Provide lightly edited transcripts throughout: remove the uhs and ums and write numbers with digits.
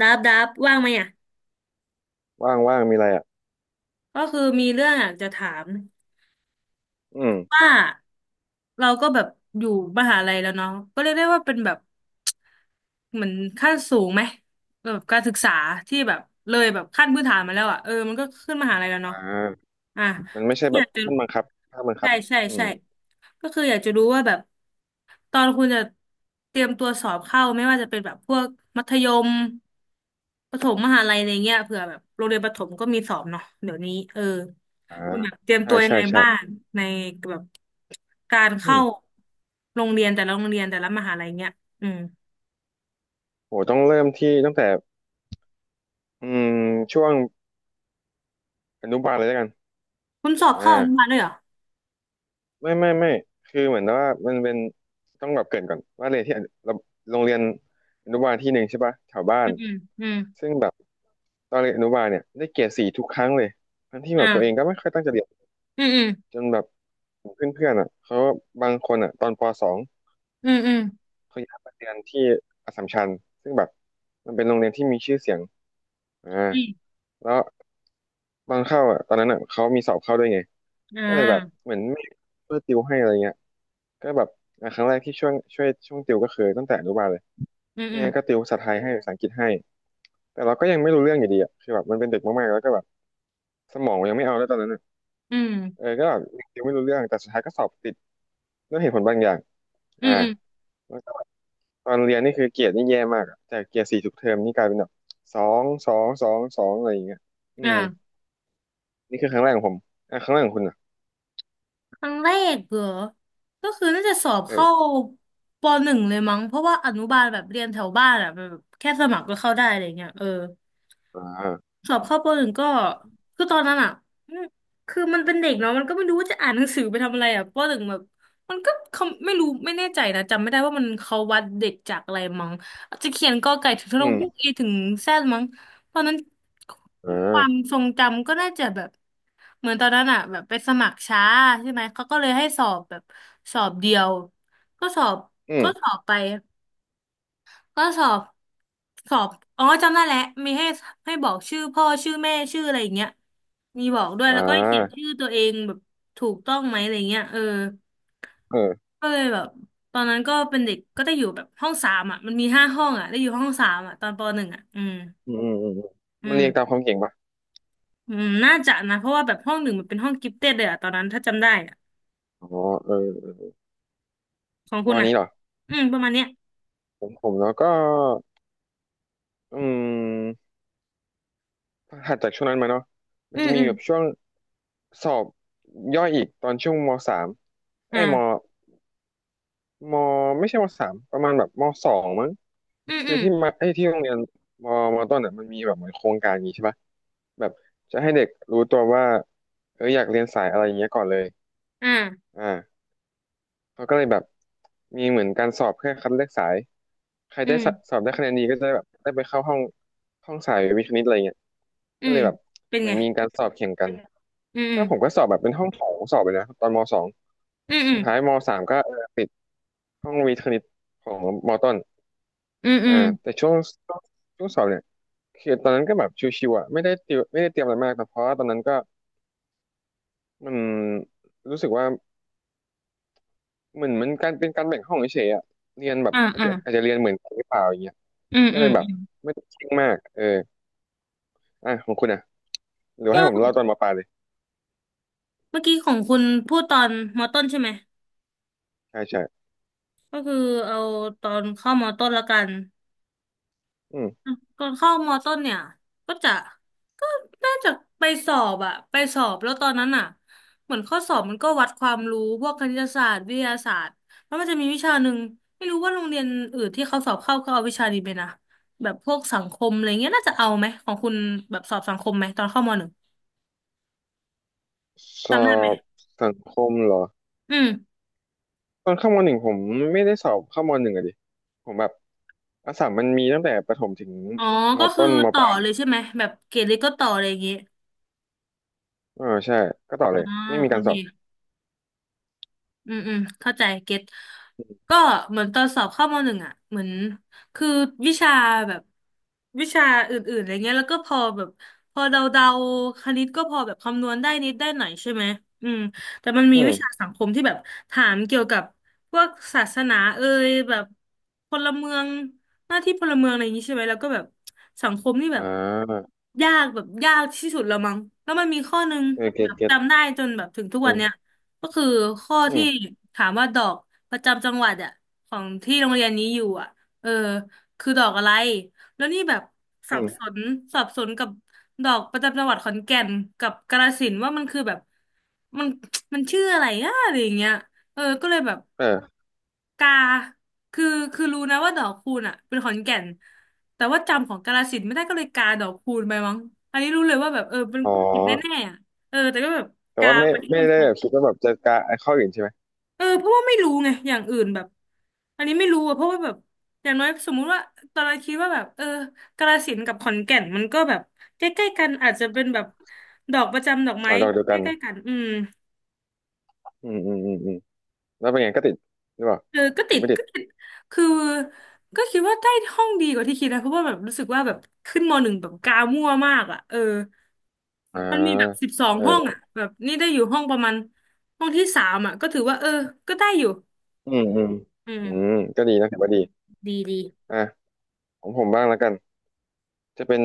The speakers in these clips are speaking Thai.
ดับว่างไหมอ่ะว่างว่างมีอะไรอ่ะก็คือมีเรื่องอยากจะถามอืมว่าเราก็แบบอยู่มหาลัยแล้วเนาะก็เรียกได้ว่าเป็นแบบเหมือนขั้นสูงไหมแบบการศึกษาที่แบบเลยแบบขั้นพื้นฐานมาแล้วอ่ะเออมันก็ขึ้นมหาลัยแล้วอ่เนาะาอ่ะมันไม่ใช่อแบยาบกจะ ขั้นบังคับขั้นบังคัใช่บใช่อืมใช่ก็คืออยากจะรู้ว่าแบบตอนคุณจะเตรียมตัวสอบเข้าไม่ว่าจะเป็นแบบพวกมัธยมประถมมหาลัยอะไรเงี้ยเผื่อแบบโรงเรียนประถมก็มีสอบเนาะเดี๋ยวนี้เอออ่าคุณแบบเตรียมใช่ตัวยังใช่ไงใช่บ้างในแบบการอืเข้ามโรงเรียนแต่ละโรงเรียนแต่ละมหาลัยเงี้ยอืมโหต้องเริ่มที่ตั้งแต่อืมช่วงอนุบาลเลยแล้วกันคุณสอบอ่เข้าอนุาบาลด้วยเหรอไม่ไม่ไม่คือเหมือนว่ามันเป็นต้องแบบเกริ่นก่อนว่าเรียนที่อนุเราโรงเรียนอนุบาลที่หนึ่งใช่ปะแถวบ้าอืนมอืมอืมซึ่งแบบตอนเรียนอนุบาลเนี่ยได้เกรดสี่ทุกครั้งเลยทั้งที่แบบตัวเองอ่าก็ไม่ค่อยตั้งใจเรียนอืมอืมจนแบบเพื่อนๆอ่ะเขาบางคนอ่ะตอนปสอง อืมอืมเขาย้ายมาเรียนที่อัสสัมชัญซึ่งแบบมันเป็นโรงเรียนที่มีชื่อเสียงอ่าอืมแล้วตอนเข้าอ่ะตอนนั้นอ่ะเขามีสอบเข้าด้วยไงอ่ก็เลยแบบาเหมือนไม่ช่วยติวให้อะไรเงี้ยก็แบบอ่ะครั้งแรกที่ช่วงติวก็คือตั้งแต่อนุบาลเลยอืมอืแม่มก็ติวภาษาไทยให้ภาษาอังกฤษให้แต่เราก็ยังไม่รู้เรื่องอยู่ดีอ่ะคือแบบมันเป็นเด็กมากๆแล้วก็แบบสมองยังไม่เอาแล้วตอนนั้นอะอืมเออก็แบบยังติวไม่รู้เรื่องแต่สุดท้ายก็สอบติดด้วยเหตุผลบางอย่างอือ่า มอืมตอนเรียนนี่คือเกรดนี่แย่มากอะแต่เกรดสี่ทุกเทอมนี่กลายเป็นแบบสองสองสองสองอะไรอย่างเงี้ยอืมอ่า นี่คือครั้งแรกของผมอ่ะครั้งแรกของคุณอ่ะครั้งแรกเหรอ ก็คือน่าจะสอบเข้าเออปหนึ่งเลยมั้ง เพราะว่าอนุบาลแบบเรียนแถวบ้านอ่ะแบบแค่สมัครก็เข้าได้อะไรเงี้ยเออ อ่าสอบเข้าปหนึ่งก็คือตอนนั้นอ่ะอืมคือมันเป็นเด็กเนาะมันก็ไม่รู้ว่าจะอ่านหนังสือไปทำอะไรอ่ะปหนึ่งแบบมันก็เขาไม่รู้ไม่แน่ใจนะจำไม่ได้ว่ามันเขาวัดเด็กจากอะไรมั้งอาจจะเขียนกอไก่ถึงทะลอืงฮุกมอีถึงแซดมั้งตอนนั้นอ่คาวามทรงจำก็น่าจะแบบเหมือนตอนนั้นอ่ะแบบไปสมัครช้าใช่ไหมเขาก็เลยให้สอบแบบสอบเดียวก็สอบอืก็สมอบไป ก็สอบสอบอ๋อจำได้แล้วมีให้บอกชื่อพ่อชื่อแม่ชื่ออะไรอย่างเงี้ยมีบอกด้วยอ่แล้วก็ให้เขียนาชื่อตัวเองแบบถูกต้องไหมอะไรเงี้ยเออเออก็เลยแบบตอนนั้นก็เป็นเด็กก็ได้อยู่แบบห้องสามอ่ะมันมีห้าห้องอ่ะได้อยู่ห้องสามอ่ะตอนปหนึ่งอ่ะอืมอืมอืมอืมอืมอืมันมเรียงตามความเก่งปะอืมน่าจะนะเพราะว่าแบบห้องหนึ่งมันเป็นห้องกิฟเต็ดเลยอ่ะตอนนั้นถ้าจำได้อ่ะอ๋อเออของคุณวันอ่ะนี้เหรออืมประมาณเนี้ยผมผมแล้วก็อืมถัดจากช่วงนั้นมาเนาะมัอืนจะมอืมีมแบบช่วงสอบย่อยอีกตอนช่วงมสามเอ้ยม อ่ามไม่ใช่มสามประมาณแบบมสองมั้งอืมคือือมที่มาไอ้ยที่โรงเรียนมมต้นอ่ะมันมีแบบเหมือนโครงการอย่างงี้ใช่ปะแบบจะให้เด็กรู้ตัวว่าเอออยากเรียนสายอะไรอย่างเงี้ยก่อนเลยอ่าอ่าเขาก็เลยแบบมีเหมือนการสอบเพื่อคัดเลือกสาย ใครอืได้สมสอบได้คะแนนดีก็จะแบบได้ไปเข้าห้องห้องสายวิทย์คณิตอะไรเงี้ยอืก็เลมยแบบเป็นเหมือไงนมีการสอบแข่งกันอืมอืก็มผมก็สอบแบบเป็นห้องโถงสอบไปนะตอนมสองอืมอืสุมดท้ายมสามก็เออติดห้องวิทย์คณิตของมต้น อืมอือ่าม แต่ช่วงช่วงสอบเนี่ยคือตอนนั้นก็แบบชิวๆอ่ะไม่ได้เตรียมไม่ได้เตรียมอะไรมากแต่เพราะว่าตอนนั้นก็มันรู้สึกว่าเหมือนมันการเป็นการแบ่งห้องเฉยๆอ่ะเรียนแบบอ่าอาจอ่าจะอาจจะเรียนเหมือนกันหรือเปล่าอย่างเงี้ยอืมก็อืเลมยแบอืบมไม่ได้เคร่งมากเอออ่ะของคุณอ่ะหรือว่าก็ให้ผมเล่าตอนมปลายเลยเมื่อกี้ของคุณพูดตอนมอต้นใช่ไหมใช่ใช่ก็คือเอาตอนเข้ามอต้นละกันอืมก่อนเข้ามอต้นเนี่ยก็จะก็น่าจะไปสอบอะไปสอบแล้วตอนนั้นอะเหมือนข้อสอบมันก็วัดความรู้พวกคณิตศาสตร์วิทยาศาสตร์แล้วมันจะมีวิชาหนึ่งไม่รู้ว่าโรงเรียนอื่นที่เขาสอบเข้าเขาเอาวิชานี้ไปนะแบบพวกสังคมอะไรเงี้ยน่าจะเอาไหมของคุณแบบสอบสังคมไหมตอนเข้ามหนึ่งสจำอได้ไหมบสังคมเหรออืม ตอนเข้ามหนึ่งผมไม่ได้สอบเข้ามหนึ่งอะดิผมแบบอัสสัมมันมีตั้งแต่ประถมถึงอ๋อ มก็คือต้นมปต่อลาเลยยใช่ไหม แบบเกรดเล็กก็ต่อเลยอย่างเงี้ยอ่าใช่ก็ต่อเลอ่ายไม่มีโอการสเค อบอืมอืมเข้าใจเก็ตก็เหมือนตอนสอบเข้ามหนึ่งอ่ะเหมือนคือวิชาแบบวิชาอื่นๆอะไรเงี้ยแล้วก็พอแบบพอเดาๆคณิตก็พอแบบคำนวณได้นิดได้หน่อยใช่ไหมอืมแต่มันมีอืวิชาม สังคมที่แบบถามเกี่ยวกับพวกศาสนาเอ่ยแบบพลเมืองหน้าที่พลเมืองอะไรอย่างนี้ใช่ไหมแล้วก็แบบสังคมนี่แบอ่บายากแบบยากที่สุดแล้วมั้งแล้วมันมีข้อหนึ่งเออเก็แบตบเก็ตจำได้จนแบบถึงทุกอืวันเนี้ย มก็คือข้ออืที่มถามว่าดอกประจำจังหวัดอะของที่โรงเรียนนี้อยู่อะเออคือดอกอะไรแล้วนี่แบบสัอืบมสนกับดอกประจำจังหวัดขอนแก่นกับกาฬสินธุ์ว่ามันคือแบบมันมันชื่ออะไรนะอะไรอย่างเงี้ยเออก็เลยแบบเออกาคือคือรู้นะว่าดอกคูณอะเป็นขอนแก่นแต่ว่าจำของกาฬสินธุ์ไม่ได้ก็เลยกาดอกคูณไปมั้งอันนี้รู้เลยว่าแบบเออเป็นอ๋อ ผิดแน่ๆอะเออแต่ก็แบบแต่กาว่าไม่ไปให้ไม่มันคได้รแบบ บคิดว่าแบบจะกะไอ้ข้ออื่นใช่ไหม เออเพราะว่าไม่รู้ไงอย่างอื่นแบบอันนี้ไม่รู้อะเพราะว่าแบบอย่างน้อยสมมุติว่าตอนแรกคิดว่าแบบเออกาฬสินธุ์กับขอนแก่นมันก็แบบใกล้ๆกันอาจจะเป็นแบบดอกประจำดอกไม้อ๋อดอกเดียวใกกันล้ๆกันอืมอืมอืมอืมอืมแล้วเป็นไงก็ติด หรือเปล่าเออก็หรืติอดไม่ติดก็ติดคือก็คิดว่าได้ห้องดีกว่าที่คิดนะเพราะว่าแบบรู้สึกว่าแบบขึ้นมหนึ่งแบบกามั่วมากอ่ะเอออ่ามันมีแบบสิบสองเอห้องออ่ะแบบนี่ได้อยู่ห้องประมาณห้องที่สามอ่ะก็ถือว่าเออก็ได้อยู่อืมอืมอือืมมก็ดีนะถือว่าดีดีดีอ่ะของผมบ้างแล้วกัน จะเป็น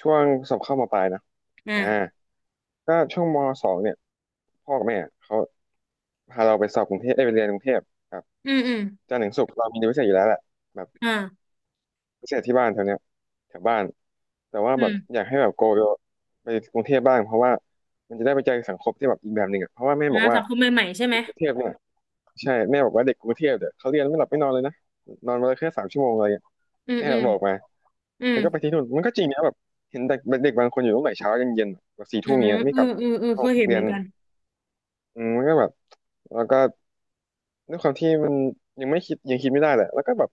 ช่วงสอบเข้ามปลายนะอ่าอ่าก็ช่วงมสองเนี่ยพ่อกับแม่เขาพาเราไปสอบกรุงเทพได้ยไปเรียนกรุงเทพครับอืมอืมจันทร์ถึงศุกร์เรามีเรียนพิเศษอยู่แล้วแหละ อ่า ไม่ใช่ที่บ้านแถวเนี้ยแถวบ้านแต่ว่าอืแบบมอยากให้แบบโกไปกรุงเทพบ้างเพราะว่ามันจะได้ไปเจอสังคมที่แบบอีกแบบหนึ่งอ่ะเพราะว่าแม่บนะอกว่าสังคมใหม่ๆใช่กไหมกรุงเทพเนี่ยใช่แม่บอกว่าเด็กกรุงเทพเดี๋ยวเขาเรียนไม่หลับไม่นอนเลยนะนอนมาเลยแค่3 ชั่วโมงอะไรเงี้ยอืมแม่อืมบอกมาอืมมันก็ไปที่นู่นมันก็จริงนะแบบเห็นเด็กเด็กบางคนอยู่ตั้งแต่เช้ายันเย็นแบบสี่อ่าทุ่มเนี้ยไม่เอกอลับเออเออห้อเคงยเห็นเรีเหยมือนนกันอืมมันก็แบบแล้วก็ด้วยความที่มันยังไม่คิดยังคิดไม่ได้แหละแล้วก็แบบ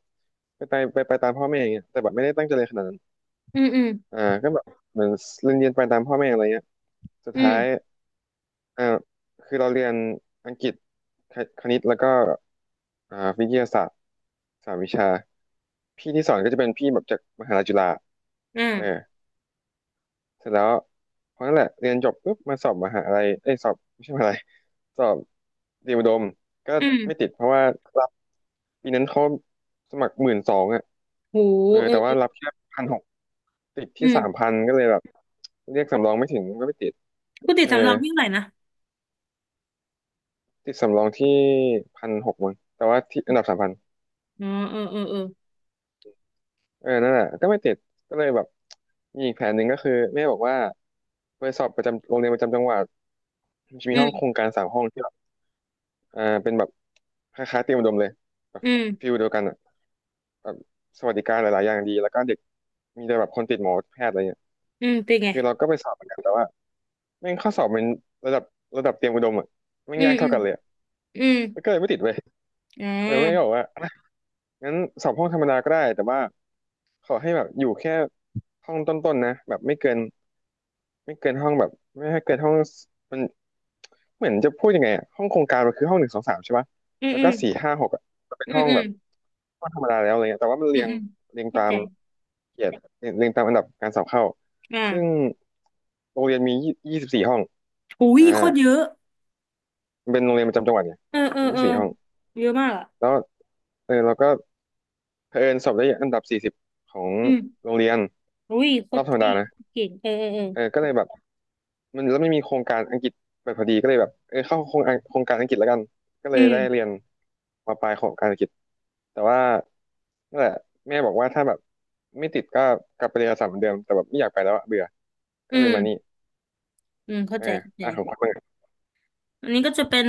ไปไปไปไปตามพ่อแม่อย่างเงี้ยแต่แบบไม่ได้ตั้งใจเลยนขนาดนั้น อืมอืมอ่าก็แบบเหมือนเรียนไปตามพ่อแม่อะไรเงี้ยสุดอืท้ายมอ่าคือเราเรียนอังกฤษคคณิตแล้วก็อ่าวิทยาศาสตร์3 วิชาพี่ที่สอนก็จะเป็นพี่แบบจากมหาลัยจุฬาเอออ่าเสร็จแล้วเพราะนั่นแหละเรียนจบปุ๊บมาสอบมหาอะไยเอ้ยสอบไม่ใช่มหาอะไรสอบเตรียมอุดมก็อืไม่ติมดเพราะว่ารับปีนั้นเขาสมัคร12,000อ่ะโหเออเออแต่เอว่ารัอบแค่พันหก ติดอืที่สามมพันก็เลยแบบเรียกสำรองไม่ถึงก็ไม่ติดปกติเออสำรองวิ่งเท่าไหร่นะติดสำรองที่พันหกมั้งแต่ว่าที่อันดับสามพันอ๋อเออเออเออเออนั่นแหละก็ไม่ติดก็เลยแบบมีอีกแผนหนึ่งก็คือแม่บอกว่าไปสอบประจำโรงเรียนประจำจังหวัดมันจะมีอืห้องโครมงการ3 ห้องที่แบบอ่าเป็นแบบคล้ายๆเตรียมอุดมเลยแบบอืฟิมลเดียวกันอ่ะแบบสวัสดิการหลายๆอย่างดีแล้วก็เด็กมีแต่แบบคนติดหมอแพทย์อะไรเงี้ยอืมเป็นไงคือเราก็ไปสอบเหมือนกันแต่ว่าแม่งข้อสอบมันระดับระดับเตรียมอุดมอ่ะแม่งอืยามกอืเท่ามกันเลยอะอืมก็เลยไม่ติดไป อ่เออแม่ก็บาอกว่าอ่ะงั้นสอบห้องธรรมดาก็ได้แต่ว่าขอให้แบบอยู่แค่ห้องต้นๆนะแบบไม่เกินห้องแบบไม่ให้เกินห้องมันเหมือนจะพูดยังไงอะห้องโครงการมันคือห้องหนึ่งสองสามใช่ปะอืมแล้วอืก็มสี่ห้าหกอะจะเป็นอืห้มองอืแบมบห้องธรรมดาแล้วอะไรเงี้ยแต่ว่ามันอืเรีมยงอืมเรียงเข้าตาใจมเกียรติเรียงเรียงตามอันดับการสอบเข้าซึ่งอ่าโรงเรียนมียี่สิบสี่ห้องโอ้ยอ่าโคตรเยอะมันเป็นโรงเรียนประจำจังหวัดไงเออเออยี่เอสิอบสี่ห้องเยอะมากอ่ะแล้วเออเราก็เผอิญสอบได้อันดับ40ของอืมโรงเรียน อุ้ยโครอตบรธรรมเท่ดานะเก่งเออเออเออเออก็เลยแบบมันแล้วไม่มีโครงการอังกฤษแบบพอดีก็เลยแบบเออเข้าโครงการอังกฤษแล้วกันก็เลอืยมได้เรียนมาปลายของการอังกฤษแต่ว่านั่นแหละแม่บอกว่าถ้าแบบไม่ติดก็กลับไปเรียนอัสสัมเหมือนเดิมแต่แบบไม่อยากไปแล้วอะเบื่อก็อืเลยมานี่มอืมเข้าเออใจเข้าใจ อ่ะของคุณบ้างอันนี้ก็จะเป็น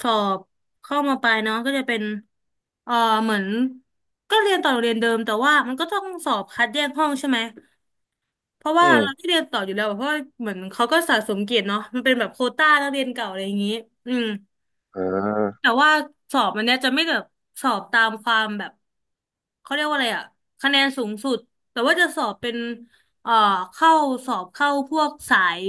สอบเข้ามาปลายเนาะก็จะเป็นเอ่อเหมือนก็เรียนต่อโรงเรียนเดิมแต่ว่ามันก็ต้องสอบคัดแยกห้องใช่ไหมเพราะอืว่าเราที่มเรียนต่ออยู่แล้วอะเพราะว่าเหมือนเขาก็สะสมเกียรติเนาะมันเป็นแบบโควต้านักเรียนเก่าอะไรอย่างนี้อืม อ่าแต่ว่าสอบมันเนี้ยจะไม่แบบสอบตามความแบบเขาเรียกว่าอะไรอะคะแนนสูงสุดแต่ว่าจะสอบเป็นเอ่อเข้าสอบเข้าพวกสาย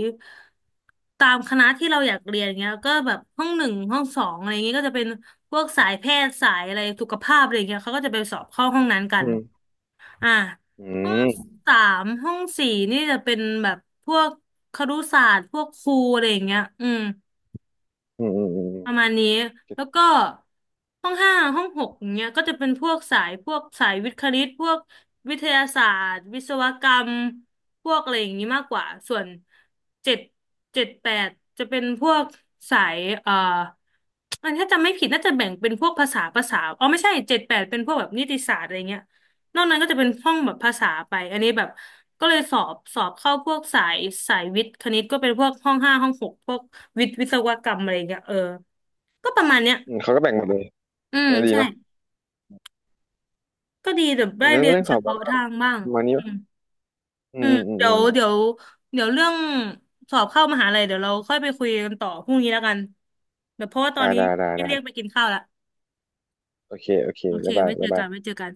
ตามคณะที่เราอยากเรียนเงี้ยก็แบบห้องหนึ่งห้องสองอะไรเงงี้ยก็จะเป็นพวกสายแพทย์สายอะไรสุขภาพอะไรเงี้ยเขาก็จะไปสอบเข้าห้องนั้นกัอืนมอ่าอืห้องมสามห้องสี่นี่จะเป็นแบบพวกครุศาสตร์พวกครูอะไรอย่างเงี้ยอืม อืมอืมอืมประมาณนี้แล้วก็ห้องห้าห้องหกอย่างเงี้ยก็จะเป็นพวกสายพวกสายวิทย์คณิตพวกวิทยาศาสตร์วิศวกรรมพวกอะไรอย่างนี้มากกว่าส่วนเจ็ดแปดจะเป็นพวกสายอันถ้าจำไม่ผิดน่าจะแบ่งเป็นพวกภาษาภาษาอ๋อไม่ใช่เจ็ดแปดเป็นพวกแบบนิติศาสตร์อะไรเงี้ยนอกนั้นก็จะเป็นห้องแบบภาษาไปอันนี้แบบก็เลยสอบเข้าพวกสายสายวิทย์คณิตก็เป็นพวกห้องห้าห้องหกพวกวิทย์วิศวกรรมอะไรเงี้ยเออ ก็ประมาณเนี้ยอืมเขาก็แบ่งหมดเลยอืเอมอดีใช่ เนาะก็ดีแบบได้เรื่องเรียนเรื่องเฉสอบแบพาะบทางบ้าง ประมาณนี้อืปะมอือืมมอืมเดี๋อืยมวอืมเดี๋ยวเดี๋ยวเรื่องสอบเข้ามหาลัยเดี๋ยวเราค่อยไปคุยกันต่อพรุ่งนี้แล้วกันเดี๋ยวเพราะว่าตอนอ่านี้ได้ได้ได้เรียกไปกินข้าวละโอเคโอเคโอเค บ๊ายบาไว้ยเจบ๊าอยบากัยน ไว้เจอกัน